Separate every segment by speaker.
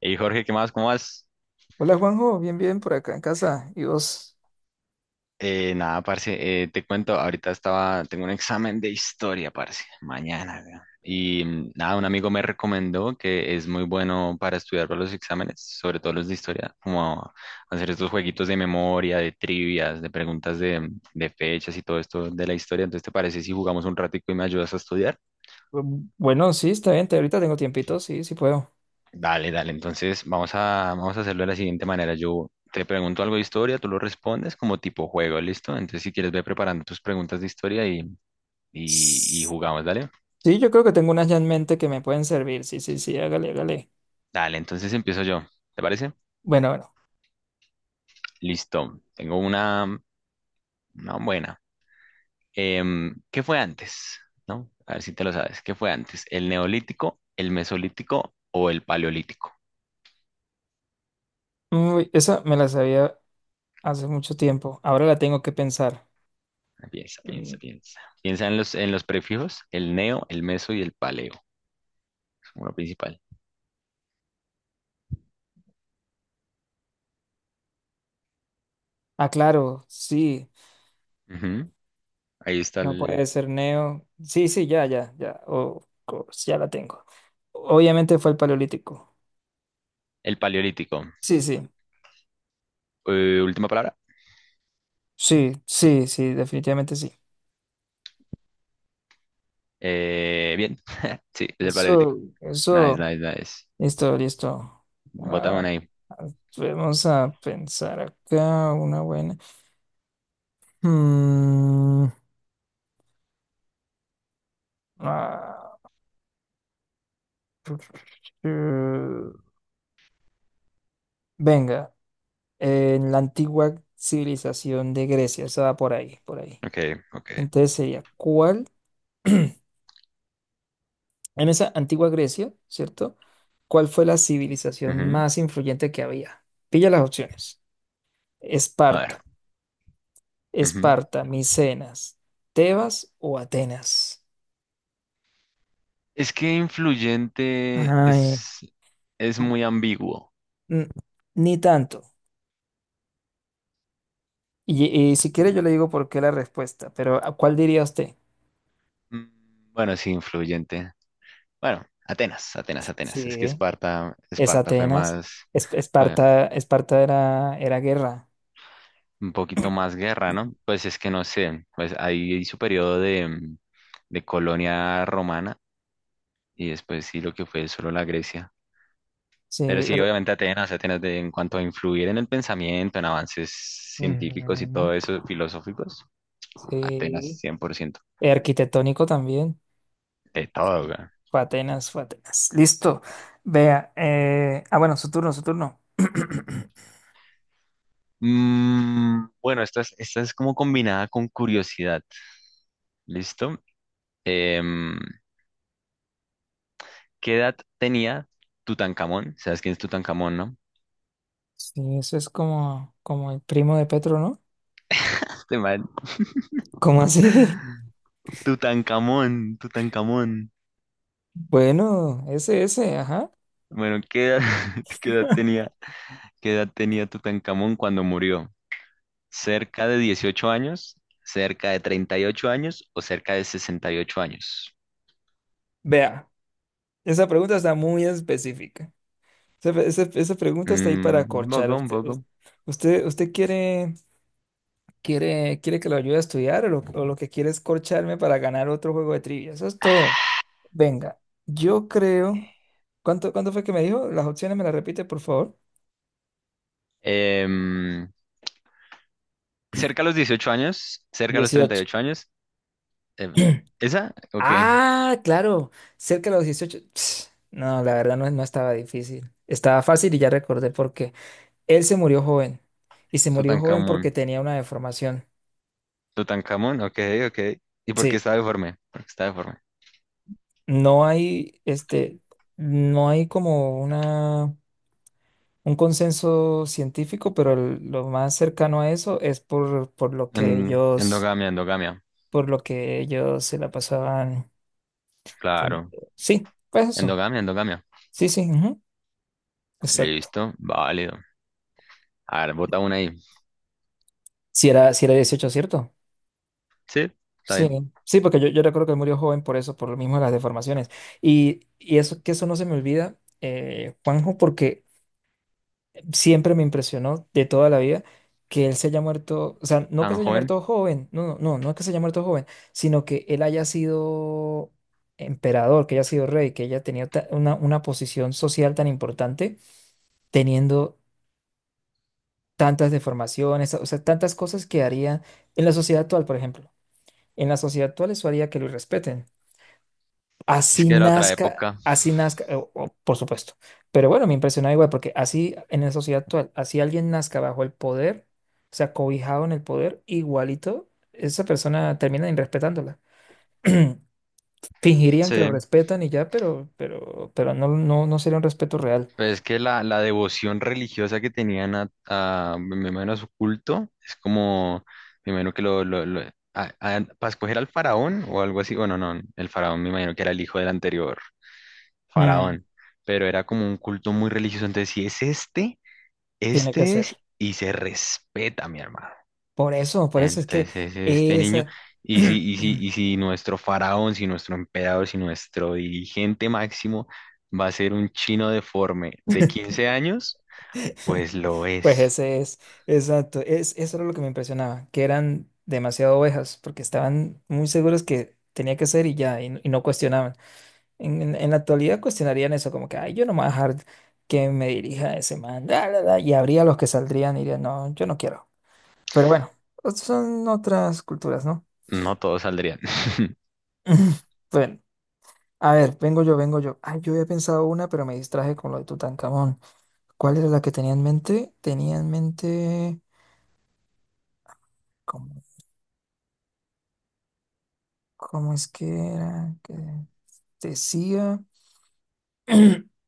Speaker 1: Y Jorge, ¿qué más? ¿Cómo vas?
Speaker 2: Hola Juanjo, bien, bien, por acá en casa. ¿Y vos?
Speaker 1: Nada, parce, te cuento, ahorita estaba, tengo un examen de historia, parce, mañana, weón. Y nada, un amigo me recomendó que es muy bueno para estudiar para los exámenes, sobre todo los de historia, como hacer estos jueguitos de memoria, de trivias, de preguntas de fechas y todo esto de la historia. Entonces, ¿te parece si jugamos un ratico y me ayudas a estudiar?
Speaker 2: Bueno, sí, está bien, ahorita tengo tiempito, sí, sí puedo.
Speaker 1: Dale, dale. Entonces, vamos a hacerlo de la siguiente manera. Yo te pregunto algo de historia, tú lo respondes como tipo juego, ¿listo? Entonces, si quieres, ve preparando tus preguntas de historia y
Speaker 2: S-
Speaker 1: jugamos, ¿dale?
Speaker 2: Sí, yo creo que tengo unas ya en mente que me pueden servir, sí, sí, sí, hágale, hágale.
Speaker 1: Dale, entonces empiezo yo. ¿Te parece?
Speaker 2: Bueno, bueno.
Speaker 1: Listo. Tengo una buena. ¿Qué fue antes? ¿No? A ver si te lo sabes. ¿Qué fue antes? ¿El neolítico, el mesolítico o el paleolítico?
Speaker 2: Uy, esa me la sabía hace mucho tiempo, ahora la tengo que pensar.
Speaker 1: Piensa,
Speaker 2: Mm,
Speaker 1: piensa, piensa. Piensa en los prefijos, el neo, el meso y el paleo. Uno principal.
Speaker 2: Ah, claro, sí,
Speaker 1: Ujú. Ahí está
Speaker 2: no
Speaker 1: el,
Speaker 2: puede ser Neo. Sí, sí, ya, ya, ya, of course, ya la tengo. Obviamente fue el Paleolítico.
Speaker 1: el paleolítico.
Speaker 2: Sí, sí,
Speaker 1: Última palabra.
Speaker 2: sí, sí, sí, definitivamente sí.
Speaker 1: Bien. Sí, es el paleolítico.
Speaker 2: Eso,
Speaker 1: Nice,
Speaker 2: eso.
Speaker 1: nice, nice.
Speaker 2: Listo, listo.
Speaker 1: Botamos
Speaker 2: Ah,
Speaker 1: ahí.
Speaker 2: vamos a pensar acá una buena. Mm, ah, eh, venga, en la antigua civilización de Grecia, estaba por ahí, por ahí.
Speaker 1: Ok, ok.
Speaker 2: Entonces sería, ¿cuál? En esa antigua Grecia, ¿cierto? ¿Cuál fue la civilización
Speaker 1: Ujú.
Speaker 2: más influyente que había? Pilla las opciones.
Speaker 1: A ver.
Speaker 2: Esparta,
Speaker 1: Ujú.
Speaker 2: Esparta, Micenas, Tebas o Atenas.
Speaker 1: Es que influyente
Speaker 2: Ay.
Speaker 1: es muy ambiguo.
Speaker 2: Mm, Ni tanto. Y si quiere yo
Speaker 1: Mm,
Speaker 2: le digo por qué la respuesta, pero ¿a ¿cuál diría usted?
Speaker 1: Bueno, sí, influyente. Bueno, Atenas, Atenas, Atenas. Es que
Speaker 2: Sí,
Speaker 1: Esparta,
Speaker 2: es
Speaker 1: Esparta fue
Speaker 2: Atenas.
Speaker 1: más,
Speaker 2: Es-
Speaker 1: fue
Speaker 2: Esparta, Esparta era guerra.
Speaker 1: un poquito más guerra, ¿no? Pues es que no sé, pues ahí su periodo de colonia romana y después sí lo que fue solo la Grecia. Pero
Speaker 2: Sí,
Speaker 1: sí,
Speaker 2: pero-
Speaker 1: obviamente Atenas, Atenas, en cuanto a influir en el pensamiento, en avances científicos y
Speaker 2: ujú,
Speaker 1: todo eso, filosóficos, Atenas
Speaker 2: sí.
Speaker 1: 100%
Speaker 2: Arquitectónico también.
Speaker 1: de todo,
Speaker 2: Sí.
Speaker 1: güey.
Speaker 2: Fue Atenas, fue Atenas. Listo. Vea. Ah, bueno, su turno, su turno.
Speaker 1: Bueno, esta es como combinada con curiosidad, ¿listo? Em, ¿Qué edad tenía Tutankamón? ¿Sabes quién es Tutankamón, no?
Speaker 2: Sí, eso es como el primo de Petro, ¿no?
Speaker 1: Este man.
Speaker 2: ¿Cómo así?
Speaker 1: Tutankamón, Tutankamón.
Speaker 2: Bueno, ese, ajá.
Speaker 1: Bueno, ¿qué edad, qué edad tenía, qué edad tenía Tutankamón cuando murió? Cerca de 18 años, cerca de 38 años o cerca de 68 años.
Speaker 2: Vea. Esa pregunta está muy específica. Esa pregunta está ahí para
Speaker 1: Un
Speaker 2: acorchar.
Speaker 1: poco, un
Speaker 2: ¿Usted,
Speaker 1: poco.
Speaker 2: usted, usted quiere que lo ayude a estudiar o lo que quiere es corcharme para ganar otro juego de trivia? Eso es todo. Venga, yo creo. ¿Cuánto fue que me dijo? Las opciones me las repite, por favor.
Speaker 1: Em, Cerca a los 18 años, cerca a los treinta y
Speaker 2: 18.
Speaker 1: ocho años. em, ¿Esa? Ok.
Speaker 2: Ah, claro, cerca de los 18 Ps. No, la verdad no estaba difícil. Estaba fácil y ya recordé por qué. Él se murió joven y se murió joven porque
Speaker 1: Tutankamón.
Speaker 2: tenía una deformación.
Speaker 1: Tutankamón, ok, ok. ¿Y por qué
Speaker 2: Sí,
Speaker 1: está deforme? Porque está deforme.
Speaker 2: no hay, este, no hay como un consenso científico, pero lo más cercano a eso es por lo que ellos,
Speaker 1: Endogamia, endogamia.
Speaker 2: por lo que ellos se la pasaban
Speaker 1: Claro.
Speaker 2: teniendo. Sí, pues eso.
Speaker 1: Endogamia, endogamia.
Speaker 2: Sí, sí, ujú, exacto.
Speaker 1: Listo, válido. A ver, bota una ahí.
Speaker 2: Si era 18, ¿cierto?
Speaker 1: Sí, está
Speaker 2: Sí,
Speaker 1: bien.
Speaker 2: sí, porque yo recuerdo que murió joven por eso, por lo mismo de las deformaciones. Y eso, que eso no se me olvida, Juanjo, porque siempre me impresionó de toda la vida que él se haya muerto, o sea, no que
Speaker 1: Tan
Speaker 2: se haya
Speaker 1: joven.
Speaker 2: muerto joven, no, no, no, no es que se haya muerto joven, sino que él haya sido emperador, que haya sido rey, que haya tenido una posición social tan importante, teniendo tantas deformaciones, o sea, tantas cosas que haría en la sociedad actual, por ejemplo. En la sociedad actual eso haría que lo respeten.
Speaker 1: Es que era otra época.
Speaker 2: Así nazca, por supuesto. Pero bueno, me impresionaba igual, porque así en la sociedad actual, así alguien nazca bajo el poder, o sea, cobijado en el poder, igualito, esa persona termina irrespetándola. Fingirían que
Speaker 1: Sí.
Speaker 2: lo respetan y ya, pero, no, no, no sería un respeto real.
Speaker 1: Pues es que la devoción religiosa que tenían a, me imagino a su culto es como, me imagino que lo para escoger al faraón o algo así, bueno, no, el faraón me imagino que era el hijo del anterior
Speaker 2: Mm,
Speaker 1: faraón, pero era como un culto muy religioso, entonces si es este,
Speaker 2: tiene que
Speaker 1: este es
Speaker 2: ser.
Speaker 1: y se respeta, mi hermano.
Speaker 2: Por eso es que
Speaker 1: Entonces este niño,
Speaker 2: esa.
Speaker 1: y si, y si, y si nuestro faraón, si nuestro emperador, si nuestro dirigente máximo va a ser un chino deforme de 15 años, pues lo
Speaker 2: Pues
Speaker 1: es.
Speaker 2: ese es, exacto, es, eso era lo que me impresionaba, que eran demasiado ovejas, porque estaban muy seguros que tenía que ser y ya, y no cuestionaban. En la actualidad cuestionarían eso, como que, ay, yo no me voy a dejar que me dirija ese man, la, y habría los que saldrían y dirían, no, yo no quiero. Pero bueno, son otras culturas, ¿no?
Speaker 1: No todos saldrían.
Speaker 2: Bueno, a ver, vengo yo, vengo yo. Ay, yo había pensado una, pero me distraje con lo de Tutankamón. ¿Cuál era la que tenía en mente? Tenía en mente... ¿Cómo es que era? Que decía.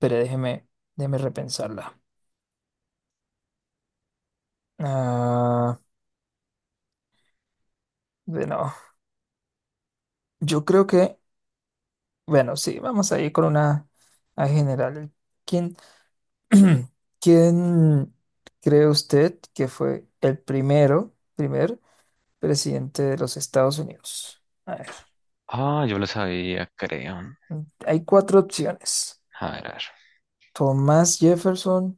Speaker 2: Pero déjeme repensarla. Ah, bueno, yo creo que, bueno, sí, vamos a ir con una a general. ¿Quién, quién cree usted que fue el primer presidente de los Estados Unidos? A ver,
Speaker 1: Ah, yo lo sabía, creo.
Speaker 2: hay cuatro opciones.
Speaker 1: A ver, a ver.
Speaker 2: Thomas Jefferson,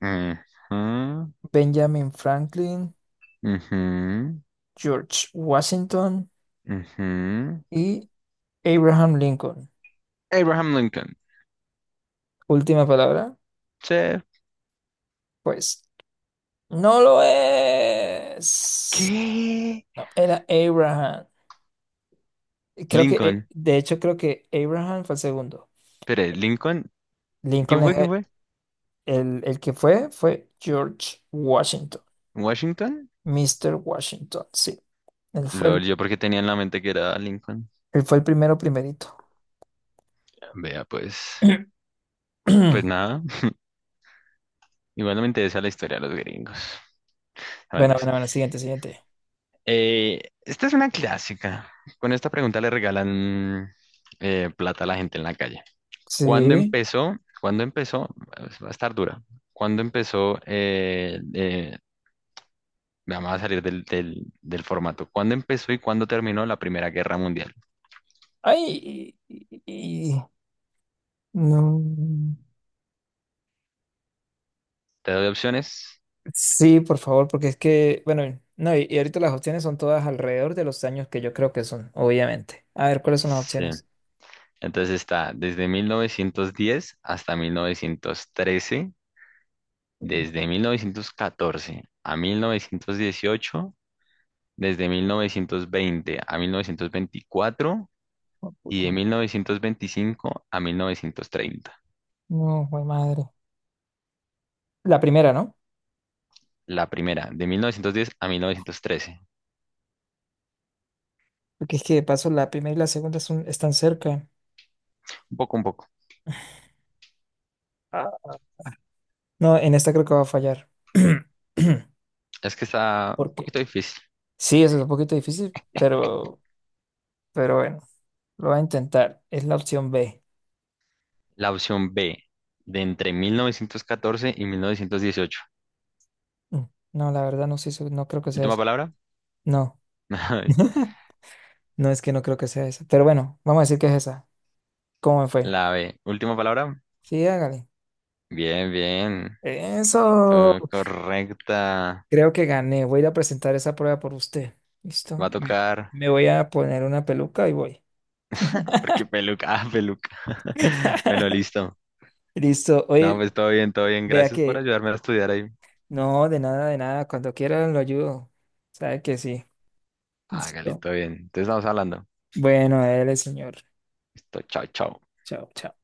Speaker 1: Ujú,
Speaker 2: Benjamin Franklin,
Speaker 1: ujú,
Speaker 2: George Washington
Speaker 1: ujú.
Speaker 2: y Abraham Lincoln.
Speaker 1: Abraham Lincoln.
Speaker 2: Última palabra.
Speaker 1: Sí.
Speaker 2: Pues no lo es.
Speaker 1: ¿Qué?
Speaker 2: No, era Abraham. Creo que,
Speaker 1: Lincoln.
Speaker 2: de hecho, creo que Abraham fue el segundo.
Speaker 1: Espere, Lincoln.
Speaker 2: Lincoln
Speaker 1: ¿Quién fue?
Speaker 2: es
Speaker 1: ¿Quién
Speaker 2: el,
Speaker 1: fue?
Speaker 2: el- el que fue George Washington.
Speaker 1: ¿Washington?
Speaker 2: Mister Washington, sí. Él fue
Speaker 1: Lol,
Speaker 2: el,
Speaker 1: yo porque tenía en la mente que era Lincoln.
Speaker 2: él fue el primero, primerito.
Speaker 1: Vea, pues. Pues nada. Igualmente esa es la historia de los gringos. No,
Speaker 2: Bueno, bueno,
Speaker 1: mentiras.
Speaker 2: bueno, siguiente, siguiente.
Speaker 1: Esta es una clásica. Con esta pregunta le regalan plata a la gente en la calle. ¿Cuándo
Speaker 2: Sí.
Speaker 1: empezó? ¿Cuándo empezó? Pues, va a estar dura. ¿Cuándo empezó? Vamos a salir del formato. ¿Cuándo empezó y cuándo terminó la Primera Guerra Mundial?
Speaker 2: Ay, y- no.
Speaker 1: ¿Te doy opciones?
Speaker 2: Sí, por favor, porque es que, bueno, no, y ahorita las opciones son todas alrededor de los años que yo creo que son, obviamente. A ver, ¿cuáles son las
Speaker 1: Sí.
Speaker 2: opciones?
Speaker 1: Entonces está desde 1910 hasta 1913, desde 1914 a 1918. Desde 1920 a 1924
Speaker 2: Oh,
Speaker 1: y de
Speaker 2: puta.
Speaker 1: 1925 a 1930.
Speaker 2: No, jue madre. La primera, ¿no?
Speaker 1: La primera, de 1910 a 1913.
Speaker 2: Porque es que de paso la primera y la segunda están cerca.
Speaker 1: Un poco, un poco.
Speaker 2: Ah. No, en esta creo que va a fallar.
Speaker 1: Es que está un
Speaker 2: Porque
Speaker 1: poquito difícil.
Speaker 2: sí, eso es un poquito difícil, bueno, lo voy a intentar. Es la opción B.
Speaker 1: La opción B, de entre 1914 y 1918.
Speaker 2: Mm, no, la verdad no sé, no creo que sea
Speaker 1: Última
Speaker 2: esa.
Speaker 1: palabra.
Speaker 2: No, no es que no creo que sea esa. Pero bueno, vamos a decir que es esa. ¿Cómo me fue?
Speaker 1: La B, última palabra.
Speaker 2: Sí, hágale.
Speaker 1: Bien, bien.
Speaker 2: Eso,
Speaker 1: Fue correcta.
Speaker 2: creo que gané. Voy a ir a presentar esa prueba por usted.
Speaker 1: Va
Speaker 2: ¿Listo?
Speaker 1: a
Speaker 2: Me,
Speaker 1: tocar.
Speaker 2: me voy a poner una peluca y voy.
Speaker 1: Porque peluca, ah, peluca. Bueno, listo.
Speaker 2: Listo.
Speaker 1: No,
Speaker 2: Oye,
Speaker 1: pues todo bien, todo bien.
Speaker 2: vea
Speaker 1: Gracias por
Speaker 2: que...
Speaker 1: ayudarme a estudiar ahí.
Speaker 2: No, de nada, de nada. Cuando quiera lo ayudo. Sabe que sí.
Speaker 1: Hágale,
Speaker 2: Listo.
Speaker 1: todo bien. Entonces estamos hablando.
Speaker 2: Bueno, él, señor.
Speaker 1: Listo, chao, chao.
Speaker 2: Chao, chao.